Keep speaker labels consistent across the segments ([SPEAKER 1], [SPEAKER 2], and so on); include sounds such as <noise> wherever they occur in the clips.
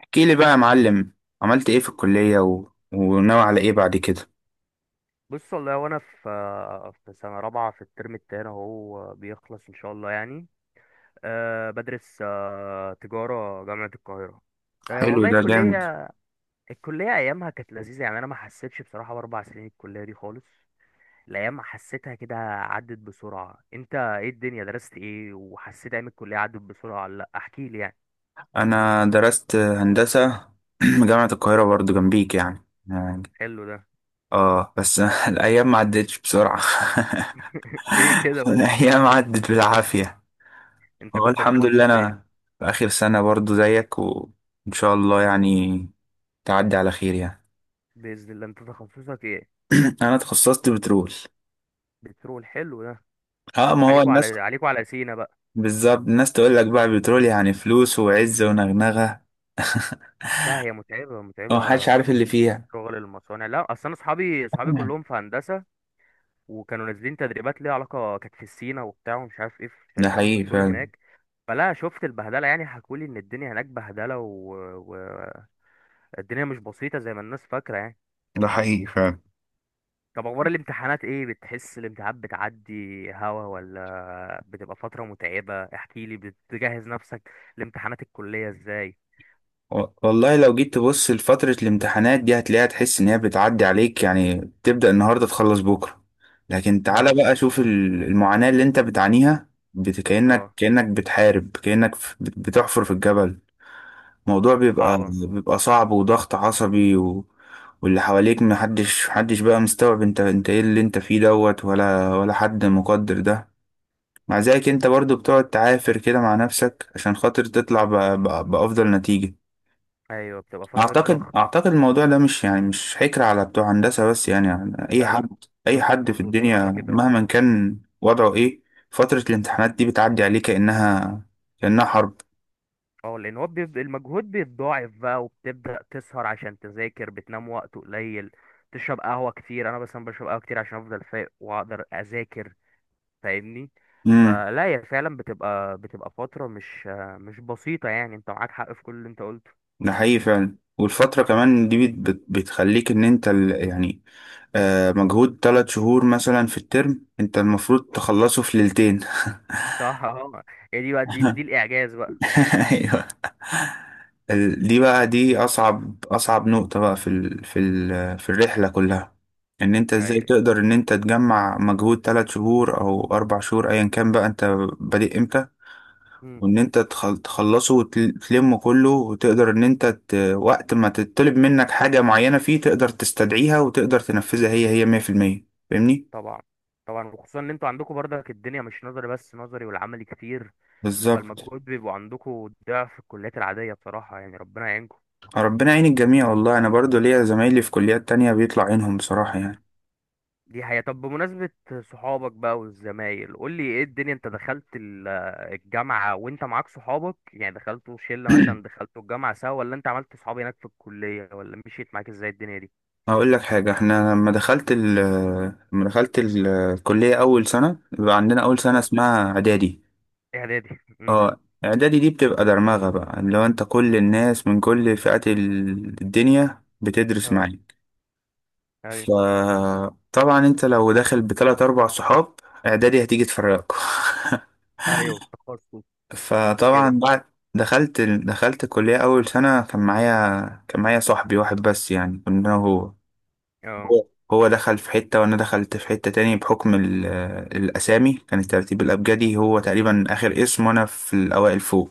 [SPEAKER 1] احكيلي بقى يا معلم. عملت ايه في الكلية و... وناوي على ايه بعد كده؟
[SPEAKER 2] بص، والله وانا في سنه رابعه في الترم التاني، اهو بيخلص ان شاء الله يعني. بدرس تجاره جامعه القاهره.
[SPEAKER 1] حلو،
[SPEAKER 2] والله،
[SPEAKER 1] ده جامد.
[SPEAKER 2] الكليه ايامها كانت لذيذه يعني، انا ما حسيتش بصراحه باربع سنين الكليه دي خالص. الايام حسيتها كده عدت بسرعه. انت ايه الدنيا، درست ايه وحسيت ايام الكليه عدت بسرعه ولا لا، احكي لي يعني.
[SPEAKER 1] انا درست هندسة. <clears throat> جامعة القاهرة برضو جنبيك، يعني.
[SPEAKER 2] حلو ده.
[SPEAKER 1] اه، بس <laughs> الايام ما عدتش بسرعة.
[SPEAKER 2] <laughs> ليه كده
[SPEAKER 1] <laughs>
[SPEAKER 2] بس؟
[SPEAKER 1] الايام عدت بالعافية.
[SPEAKER 2] انت
[SPEAKER 1] هو
[SPEAKER 2] كنت
[SPEAKER 1] الحمد لله
[SPEAKER 2] تخصص ايه؟
[SPEAKER 1] انا في اخر سنة برضو زيك، وان شاء الله يعني تعدي على خير يعني.
[SPEAKER 2] باذن الله، انت تخصصك ايه؟
[SPEAKER 1] <clears throat> انا تخصصت بترول.
[SPEAKER 2] بترول، حلو ده.
[SPEAKER 1] اه، ما هو
[SPEAKER 2] عليكوا
[SPEAKER 1] الناس.
[SPEAKER 2] على عليكوا على سينا.
[SPEAKER 1] بالظبط، الناس تقول لك بقى بترول يعني فلوس وعزة ونغنغة.
[SPEAKER 2] لا، هي متعبة
[SPEAKER 1] اه،
[SPEAKER 2] متعبة.
[SPEAKER 1] محدش عارف اللي فيها.
[SPEAKER 2] شغل المصانع. لا، اصل انا اصحابي كلهم في هندسة، وكانوا نازلين تدريبات ليها علاقة، كانت في سينا وبتاع ومش عارف ايه، في
[SPEAKER 1] ده
[SPEAKER 2] شركات
[SPEAKER 1] حقيقي
[SPEAKER 2] بترول
[SPEAKER 1] فعلا.
[SPEAKER 2] هناك. فلا شفت البهدلة يعني، حكولي ان الدنيا هناك بهدلة. الدنيا مش بسيطة زي ما الناس فاكرة يعني.
[SPEAKER 1] ده حقيقي فعلا.
[SPEAKER 2] طب، اخبار الامتحانات ايه؟ بتحس الامتحانات بتعدي هوا ولا بتبقى فترة متعبة؟ احكيلي، بتجهز نفسك لامتحانات الكلية ازاي؟
[SPEAKER 1] والله لو جيت تبص لفترة الامتحانات دي هتلاقيها، تحس إن هي بتعدي عليك، يعني تبدأ النهاردة تخلص بكرة. لكن تعالى
[SPEAKER 2] اه.
[SPEAKER 1] بقى شوف المعاناة اللي أنت بتعانيها، بت- كأنك
[SPEAKER 2] اه.
[SPEAKER 1] كأنك بتحارب، كأنك بتحفر في الجبل. الموضوع بيبقى
[SPEAKER 2] صعبة.
[SPEAKER 1] بيبقى صعب وضغط عصبي. و... واللي حواليك محدش بقى مستوعب انت ايه اللي انت فيه دوت، ولا حد مقدر ده. مع ذلك انت برضو بتقعد تعافر كده مع نفسك عشان خاطر تطلع بأفضل نتيجة.
[SPEAKER 2] ايوه، بتبقى فترة
[SPEAKER 1] اعتقد
[SPEAKER 2] ضغط.
[SPEAKER 1] اعتقد الموضوع ده مش حكر على بتوع هندسة بس، يعني اي
[SPEAKER 2] لا، لا.
[SPEAKER 1] حد. اي
[SPEAKER 2] كله
[SPEAKER 1] حد في
[SPEAKER 2] كله بصراحة
[SPEAKER 1] الدنيا
[SPEAKER 2] كده. اه.
[SPEAKER 1] مهما كان وضعه ايه، فترة الامتحانات دي بتعدي عليه كأنها حرب.
[SPEAKER 2] اه، لأن هو المجهود بيتضاعف بقى، وبتبدأ تسهر عشان تذاكر، بتنام وقت قليل، تشرب قهوة كتير. أنا مثلا بشرب قهوة كتير عشان أفضل فايق وأقدر أذاكر، فاهمني؟
[SPEAKER 1] امم
[SPEAKER 2] فلا، هي فعلا بتبقى فترة مش مش بسيطة يعني، أنت معاك حق في كل اللي أنت قلته.
[SPEAKER 1] ده حقيقي فعلا. والفترة كمان دي بتخليك ان انت يعني. مجهود ثلاث شهور مثلا في الترم انت المفروض تخلصه في ليلتين.
[SPEAKER 2] صح. اه. <laughs> هي دي بقى، دي
[SPEAKER 1] <laughs>
[SPEAKER 2] الإعجاز بقى.
[SPEAKER 1] <laughs> ايوه. دي اصعب نقطة بقى في الرحلة كلها. ان انت ازاي
[SPEAKER 2] أيوه.
[SPEAKER 1] تقدر ان انت تجمع مجهود ثلاث شهور او اربع شهور ايا كان بقى انت بادئ امتى،
[SPEAKER 2] مم.
[SPEAKER 1] وان انت تخلصه وتلمه كله، وتقدر ان انت وقت ما تطلب منك حاجة معينة فيه تقدر تستدعيها وتقدر تنفذها هي 100%، فاهمني؟
[SPEAKER 2] طبعا. طبعا، وخصوصا ان انتوا عندكم برضك الدنيا مش نظري بس، نظري والعملي كتير،
[SPEAKER 1] بالظبط.
[SPEAKER 2] فالمجهود بيبقوا عندكم ضعف الكليات العادية بصراحة، يعني ربنا يعينكم.
[SPEAKER 1] ربنا يعين الجميع، والله انا برضو ليا زمايلي في كليات تانية بيطلع عينهم بصراحة يعني.
[SPEAKER 2] دي حقيقة. طب، بمناسبة صحابك بقى والزمايل، قول لي ايه الدنيا. انت دخلت الجامعة وانت معاك صحابك، يعني دخلتوا شلة مثلا، دخلتوا الجامعة سوا، ولا انت عملت صحاب هناك في الكلية، ولا مشيت معاك ازاي الدنيا دي؟
[SPEAKER 1] هقول لك حاجة، احنا لما دخلت الكلية أول سنة بيبقى عندنا أول سنة
[SPEAKER 2] اه.
[SPEAKER 1] اسمها إعدادي.
[SPEAKER 2] اعدادي. امم.
[SPEAKER 1] اه. إعدادي دي بتبقى درمغة بقى، اللي هو أنت كل الناس من كل فئات الدنيا بتدرس
[SPEAKER 2] اه.
[SPEAKER 1] معاك.
[SPEAKER 2] ايوه.
[SPEAKER 1] فطبعا أنت لو داخل بتلات أربع صحاب، إعدادي هتيجي تفرقك.
[SPEAKER 2] ايوه، تخصص
[SPEAKER 1] <laughs> فطبعا
[SPEAKER 2] وكده.
[SPEAKER 1] بعد دخلت الكلية أول سنة كان معايا صاحبي واحد بس، يعني كنا.
[SPEAKER 2] اه.
[SPEAKER 1] هو هو دخل في حتة وأنا دخلت في حتة تاني، بحكم الأسامي، كان الترتيب الأبجدي هو تقريبا آخر اسم وأنا في الأوائل فوق.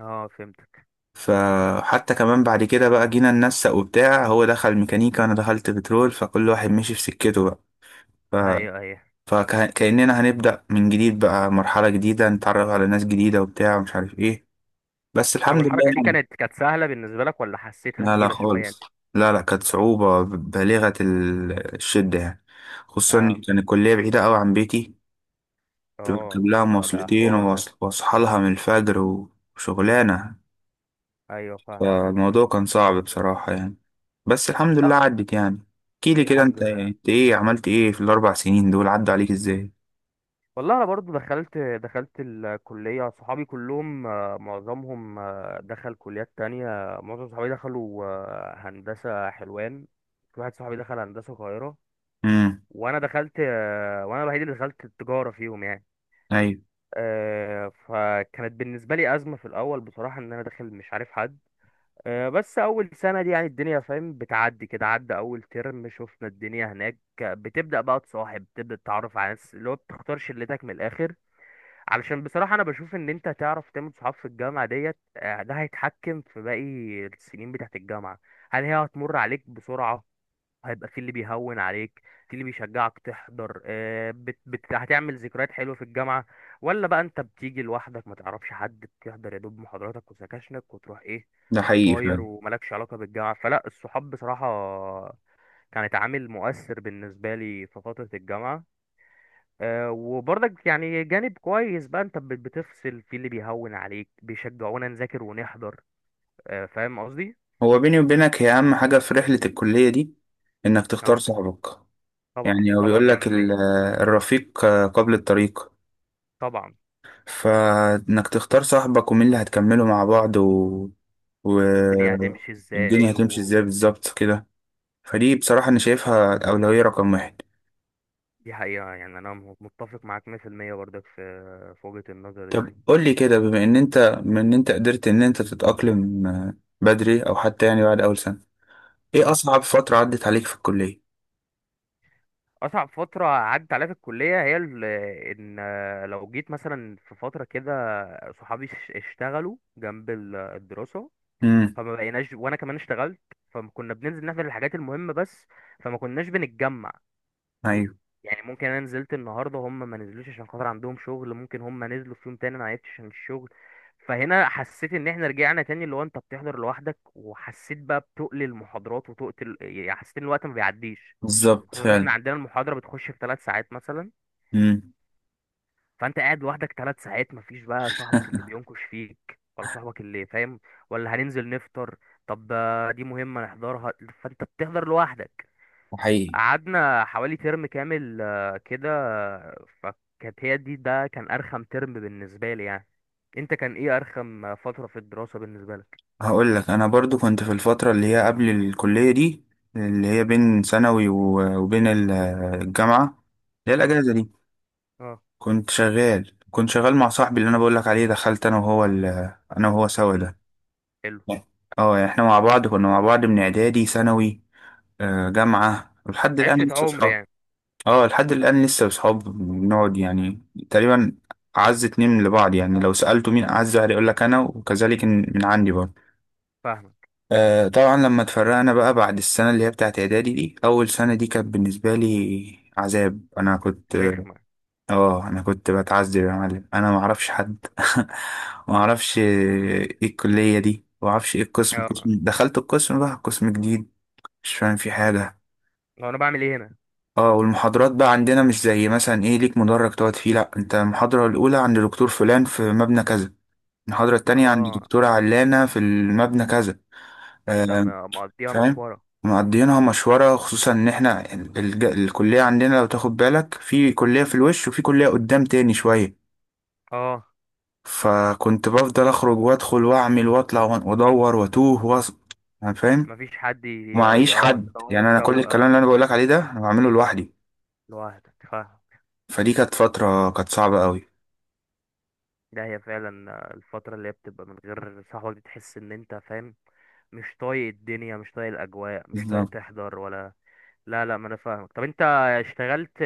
[SPEAKER 2] اه، فهمتك.
[SPEAKER 1] فحتى كمان بعد كده بقى جينا ننسق وبتاع، هو دخل ميكانيكا وأنا دخلت بترول، فكل واحد مشي في سكته بقى ف...
[SPEAKER 2] ايوه. ايوه.
[SPEAKER 1] فكأننا هنبدأ من جديد بقى، مرحلة جديدة نتعرف على ناس جديدة وبتاع ومش عارف إيه، بس
[SPEAKER 2] طب،
[SPEAKER 1] الحمد لله
[SPEAKER 2] الحركة دي
[SPEAKER 1] يعني.
[SPEAKER 2] كانت سهلة بالنسبة لك ولا حسيتها
[SPEAKER 1] لا لا
[SPEAKER 2] تقيلة شوية يعني؟
[SPEAKER 1] خالص. لا لا، كانت صعوبة بالغة الشدة يعني. خصوصا إن
[SPEAKER 2] اه.
[SPEAKER 1] كان الكلية بعيدة أوي عن بيتي،
[SPEAKER 2] اه.
[SPEAKER 1] تركب لها
[SPEAKER 2] ده
[SPEAKER 1] مواصلتين
[SPEAKER 2] حوار ده.
[SPEAKER 1] وأصحى لها من الفجر وشغلانة.
[SPEAKER 2] ايوه، فاهمك.
[SPEAKER 1] فالموضوع كان صعب بصراحة يعني، بس الحمد لله
[SPEAKER 2] لا.
[SPEAKER 1] عدت يعني. احكيلي كده،
[SPEAKER 2] الحمد
[SPEAKER 1] انت
[SPEAKER 2] لله.
[SPEAKER 1] انت ايه عملت ايه في الأربع سنين دول، عدوا عليك ازاي؟
[SPEAKER 2] والله، انا برضو دخلت الكليه، صحابي كلهم معظمهم دخل كليات تانية. معظم صحابي دخلوا هندسه حلوان. في واحد صحابي دخل هندسه القاهره،
[SPEAKER 1] امم.
[SPEAKER 2] وانا دخلت وانا الوحيد اللي دخلت التجاره فيهم يعني.
[SPEAKER 1] أيوة.
[SPEAKER 2] فكانت بالنسبه لي ازمه في الاول بصراحه، ان انا داخل مش عارف حد. بس اول سنه دي يعني الدنيا فاهم بتعدي كده. عدى اول ترم، شفنا الدنيا هناك بتبدا بقى تصاحب، بتبدا تتعرف على ناس، اللي هو بتختار شلتك من الاخر. علشان بصراحه، انا بشوف ان انت تعرف تعمل صحاب في الجامعه ديت ده هيتحكم في باقي السنين بتاعت الجامعه. هل هي هتمر عليك بسرعه؟ هيبقى في اللي بيهون عليك، في اللي بيشجعك تحضر، هتعمل ذكريات حلوة في الجامعة، ولا بقى انت بتيجي لوحدك ما تعرفش حد، بتحضر يا دوب محاضراتك وسكاشنك وتروح ايه
[SPEAKER 1] ده حقيقي
[SPEAKER 2] طاير
[SPEAKER 1] فعلا.
[SPEAKER 2] وملكش علاقة بالجامعة. فلا، الصحاب بصراحة كانت عامل مؤثر بالنسبة لي في فترة الجامعة. وبرضك يعني جانب كويس بقى، انت بتفصل في اللي بيهون عليك بيشجعونا نذاكر ونحضر. فاهم قصدي؟
[SPEAKER 1] هو بيني وبينك، هي أهم حاجة في رحلة الكلية دي إنك تختار
[SPEAKER 2] اه،
[SPEAKER 1] صاحبك.
[SPEAKER 2] طبعا.
[SPEAKER 1] يعني هو
[SPEAKER 2] طبعا
[SPEAKER 1] بيقول لك
[SPEAKER 2] 100%.
[SPEAKER 1] الرفيق قبل الطريق.
[SPEAKER 2] طبعا،
[SPEAKER 1] فانك تختار صاحبك ومين اللي هتكملوا مع بعض و...
[SPEAKER 2] والدنيا هتمشي
[SPEAKER 1] الدنيا
[SPEAKER 2] ازاي
[SPEAKER 1] هتمشي
[SPEAKER 2] ودي.
[SPEAKER 1] ازاي بالظبط كده. فدي بصراحة انا شايفها الأولوية رقم واحد.
[SPEAKER 2] حقيقة يعني، انا متفق معاك 100% برضك في وجهة النظر دي.
[SPEAKER 1] طب قول لي كده، بما ان انت من ان انت قدرت ان انت تتأقلم بدري، او حتى يعني بعد اول سنة، ايه
[SPEAKER 2] اه،
[SPEAKER 1] اصعب فترة عدت عليك في الكلية؟
[SPEAKER 2] اصعب فترة عدت عليا في الكلية هي ال- ان لو جيت مثلا في فترة كده، صحابي اشتغلوا جنب الدراسة،
[SPEAKER 1] امم.
[SPEAKER 2] فما بقيناش، وانا كمان اشتغلت. فكنا بننزل نعمل الحاجات المهمة بس، فما كناش بنتجمع.
[SPEAKER 1] ايوه،
[SPEAKER 2] يعني ممكن انا نزلت النهارده هم ما نزلوش عشان خاطر عندهم شغل، ممكن هم نزلوا في يوم تاني انا عيطت عشان الشغل. فهنا حسيت ان احنا رجعنا تاني، اللي هو انت بتحضر لوحدك، وحسيت بقى بتقل المحاضرات وتقتل، يعني حسيت ان الوقت ما بيعديش.
[SPEAKER 1] بالظبط
[SPEAKER 2] خصوصا ان احنا
[SPEAKER 1] فعلا.
[SPEAKER 2] عندنا المحاضره بتخش في 3 ساعات مثلا،
[SPEAKER 1] امم
[SPEAKER 2] فانت قاعد لوحدك 3 ساعات، مفيش بقى صاحبك اللي بينكش فيك ولا صاحبك اللي فاهم ولا هننزل نفطر، طب دي مهمه نحضرها، فانت بتحضر لوحدك.
[SPEAKER 1] حقيقي.
[SPEAKER 2] قعدنا حوالي ترم كامل كده، فكانت هي دي، ده كان أرخم ترم بالنسبة لي يعني. أنت كان إيه أرخم فترة في الدراسة بالنسبة لك؟
[SPEAKER 1] هقول لك، انا برضو كنت في الفتره اللي هي قبل الكليه دي، اللي هي بين ثانوي وبين الجامعه، اللي هي
[SPEAKER 2] اه.
[SPEAKER 1] الاجازه دي.
[SPEAKER 2] اه.
[SPEAKER 1] كنت شغال مع صاحبي اللي انا بقول لك عليه، دخلت انا وهو انا وهو سوا
[SPEAKER 2] حلو.
[SPEAKER 1] ده.
[SPEAKER 2] حلو.
[SPEAKER 1] اه، يعني احنا مع بعض، كنا مع بعض من اعدادي، ثانوي، جامعه، ولحد الان
[SPEAKER 2] عشرة
[SPEAKER 1] لسه
[SPEAKER 2] عمر
[SPEAKER 1] اصحاب.
[SPEAKER 2] يعني.
[SPEAKER 1] اه، لحد الان لسه اصحاب بنقعد يعني. تقريبا اعز اتنين لبعض، يعني لو سالته مين اعز واحد يقول لك انا، وكذلك من عندي برضه.
[SPEAKER 2] فاهمك.
[SPEAKER 1] آه، طبعا لما اتفرقنا بقى بعد السنة اللي هي بتاعت إعدادي دي، أول سنة دي كانت بالنسبة لي عذاب أنا كنت
[SPEAKER 2] رخمة.
[SPEAKER 1] آه أنا كنت بتعذب يا معلم، أنا معرفش حد. <laughs> معرفش إيه الكلية دي، معرفش إيه القسم،
[SPEAKER 2] اه.
[SPEAKER 1] قسم دخلت، القسم بقى قسم جديد مش فاهم فيه حاجة.
[SPEAKER 2] هو أنا بعمل إيه هنا؟
[SPEAKER 1] اه، والمحاضرات بقى عندنا مش زي مثلا ايه ليك مدرج تقعد فيه، لا انت المحاضرة الأولى عند دكتور فلان في مبنى كذا، المحاضرة التانية عند
[SPEAKER 2] اه،
[SPEAKER 1] دكتورة علانة في المبنى كذا،
[SPEAKER 2] فأنت
[SPEAKER 1] آه،
[SPEAKER 2] مقضيها
[SPEAKER 1] فاهم.
[SPEAKER 2] مشوارة.
[SPEAKER 1] معديينها مشوارة، خصوصا ان احنا الكلية عندنا لو تاخد بالك، في كلية في الوش وفي كلية قدام تاني شوية.
[SPEAKER 2] اه،
[SPEAKER 1] فكنت بفضل اخرج وادخل واعمل واطلع وادور واتوه يعني، فاهم.
[SPEAKER 2] مفيش حد
[SPEAKER 1] ومعيش حد،
[SPEAKER 2] تدوروا
[SPEAKER 1] يعني انا كل
[SPEAKER 2] سوا.
[SPEAKER 1] الكلام
[SPEAKER 2] اه،
[SPEAKER 1] اللي انا بقولك عليه ده انا بعمله لوحدي.
[SPEAKER 2] لوحدك، فاهم.
[SPEAKER 1] فدي كانت فترة كانت صعبة قوي.
[SPEAKER 2] ده هي فعلا الفترة اللي هي بتبقى من غير صاحبك، بتحس إن أنت فاهم مش طايق الدنيا، مش طايق الاجواء، مش طايق
[SPEAKER 1] بالظبط.
[SPEAKER 2] تحضر ولا. لا، لا، ما انا فاهمك. طب انت اشتغلت،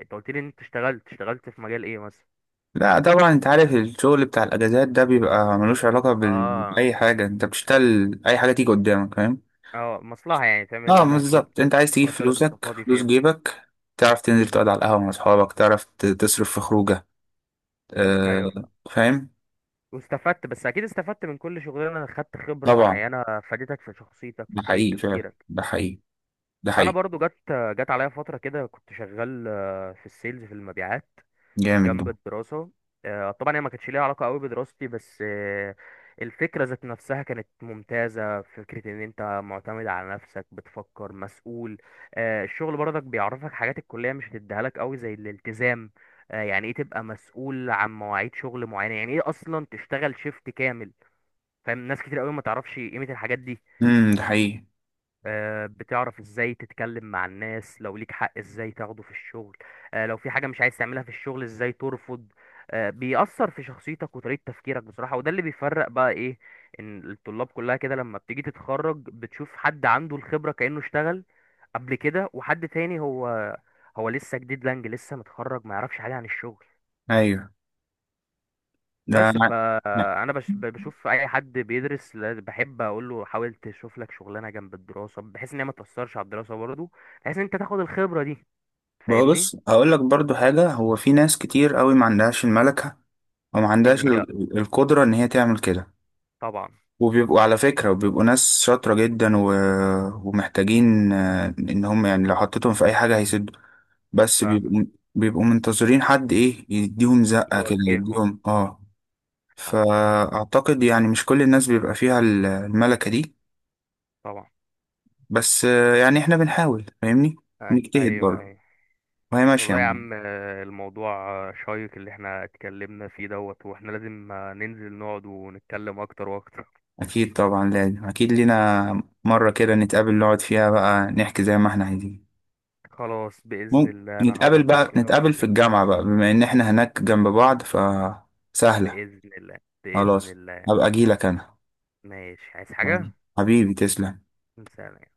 [SPEAKER 2] انت قلت لي ان انت اشتغلت، في مجال ايه مثلا؟
[SPEAKER 1] لا طبعا، انت عارف الشغل بتاع الاجازات ده بيبقى ملوش علاقة
[SPEAKER 2] اه.
[SPEAKER 1] بأي حاجة، انت بتشتغل اي حاجة تيجي قدامك، فاهم.
[SPEAKER 2] اه، مصلحة يعني، تعمل
[SPEAKER 1] اه
[SPEAKER 2] منها شوية
[SPEAKER 1] بالظبط،
[SPEAKER 2] فلوس
[SPEAKER 1] انت
[SPEAKER 2] في
[SPEAKER 1] عايز تجيب
[SPEAKER 2] الفترة اللي انت
[SPEAKER 1] فلوسك،
[SPEAKER 2] فاضي
[SPEAKER 1] فلوس
[SPEAKER 2] فيها.
[SPEAKER 1] جيبك، تعرف تنزل تقعد على القهوة مع اصحابك، تعرف تصرف في خروجة.
[SPEAKER 2] امم.
[SPEAKER 1] آه
[SPEAKER 2] ايوه، فاهم.
[SPEAKER 1] فاهم.
[SPEAKER 2] واستفدت، بس اكيد استفدت من كل شغلانة، خدت خبرة
[SPEAKER 1] طبعا.
[SPEAKER 2] معينة فادتك في شخصيتك
[SPEAKER 1] ده
[SPEAKER 2] في طريقة
[SPEAKER 1] حقيقي فعلا.
[SPEAKER 2] تفكيرك.
[SPEAKER 1] ده حقيقي. ده
[SPEAKER 2] انا
[SPEAKER 1] حقيقي.
[SPEAKER 2] برضو جت عليا فترة كده كنت شغال في السيلز، في المبيعات
[SPEAKER 1] جامد ده.
[SPEAKER 2] جنب الدراسة. طبعا هي ما كانتش ليها علاقة قوي بدراستي بس، الفكرة ذات نفسها كانت ممتازة، فكرة ان انت معتمد على نفسك بتفكر مسؤول. الشغل برضك بيعرفك حاجات الكلية مش هتديها لك قوي زي الالتزام. يعني ايه تبقى مسؤول عن مواعيد شغل معينة، يعني ايه اصلا تشتغل شيفت كامل. فاهم، ناس كتير قوي ما تعرفش قيمة الحاجات دي.
[SPEAKER 1] ده حقيقي.
[SPEAKER 2] بتعرف ازاي تتكلم مع الناس، لو ليك حق ازاي تاخده في الشغل. لو في حاجة مش عايز تعملها في الشغل ازاي ترفض. بيأثر في شخصيتك وطريقة تفكيرك بصراحة، وده اللي بيفرق بقى ايه، ان الطلاب كلها كده لما بتيجي تتخرج بتشوف حد عنده الخبرة كأنه اشتغل قبل كده، وحد تاني هو لسه جديد لانج، لسه متخرج ما يعرفش حاجة عن الشغل.
[SPEAKER 1] ايوه. ده
[SPEAKER 2] بس
[SPEAKER 1] انا. لا.
[SPEAKER 2] فانا بشوف اي حد بيدرس بحب اقول له، حاول تشوف لك شغلانه جنب الدراسه بحيث ان هي ما تاثرش على الدراسه برضه، بحيث ان انت تاخد الخبره دي،
[SPEAKER 1] بقى
[SPEAKER 2] فاهمني؟
[SPEAKER 1] بص هقول لك برضو حاجة، هو في ناس كتير قوي ما عندهاش الملكة، وما
[SPEAKER 2] ان
[SPEAKER 1] عندهاش
[SPEAKER 2] هي.
[SPEAKER 1] القدرة إن هي تعمل كده.
[SPEAKER 2] طبعا.
[SPEAKER 1] وبيبقوا على فكرة وبيبقوا ناس شاطرة جدا، ومحتاجين إن هم يعني لو حطيتهم في أي حاجة هيسدوا، بس
[SPEAKER 2] فاهمك.
[SPEAKER 1] بيبقوا منتظرين حد ايه، يديهم زقة كده،
[SPEAKER 2] يوجههم.
[SPEAKER 1] يديهم اه
[SPEAKER 2] فاهم. فاهم.
[SPEAKER 1] فأعتقد يعني مش كل الناس بيبقى فيها الملكة دي.
[SPEAKER 2] طبعا.
[SPEAKER 1] بس يعني احنا بنحاول فاهمني، نجتهد
[SPEAKER 2] ايوه.
[SPEAKER 1] برضه
[SPEAKER 2] ايوه.
[SPEAKER 1] وهي ماشية
[SPEAKER 2] والله يا
[SPEAKER 1] معانا.
[SPEAKER 2] عم، الموضوع شيق اللي احنا اتكلمنا فيه دوت، واحنا لازم ننزل نقعد ونتكلم اكتر واكتر.
[SPEAKER 1] أكيد طبعا، لازم أكيد. لينا مرة كده نتقابل نقعد فيها بقى نحكي زي ما احنا عايزين.
[SPEAKER 2] خلاص، باذن
[SPEAKER 1] ممكن
[SPEAKER 2] الله انا
[SPEAKER 1] نتقابل
[SPEAKER 2] هظبط
[SPEAKER 1] بقى
[SPEAKER 2] كده
[SPEAKER 1] نتقابل في
[SPEAKER 2] واكلمك.
[SPEAKER 1] الجامعة بقى، بما إن احنا هناك جنب بعض فسهلة.
[SPEAKER 2] باذن الله. باذن
[SPEAKER 1] خلاص،
[SPEAKER 2] الله.
[SPEAKER 1] هبقى أجيلك أنا.
[SPEAKER 2] ماشي، عايز حاجه؟
[SPEAKER 1] يعني حبيبي، تسلم.
[SPEAKER 2] سلام.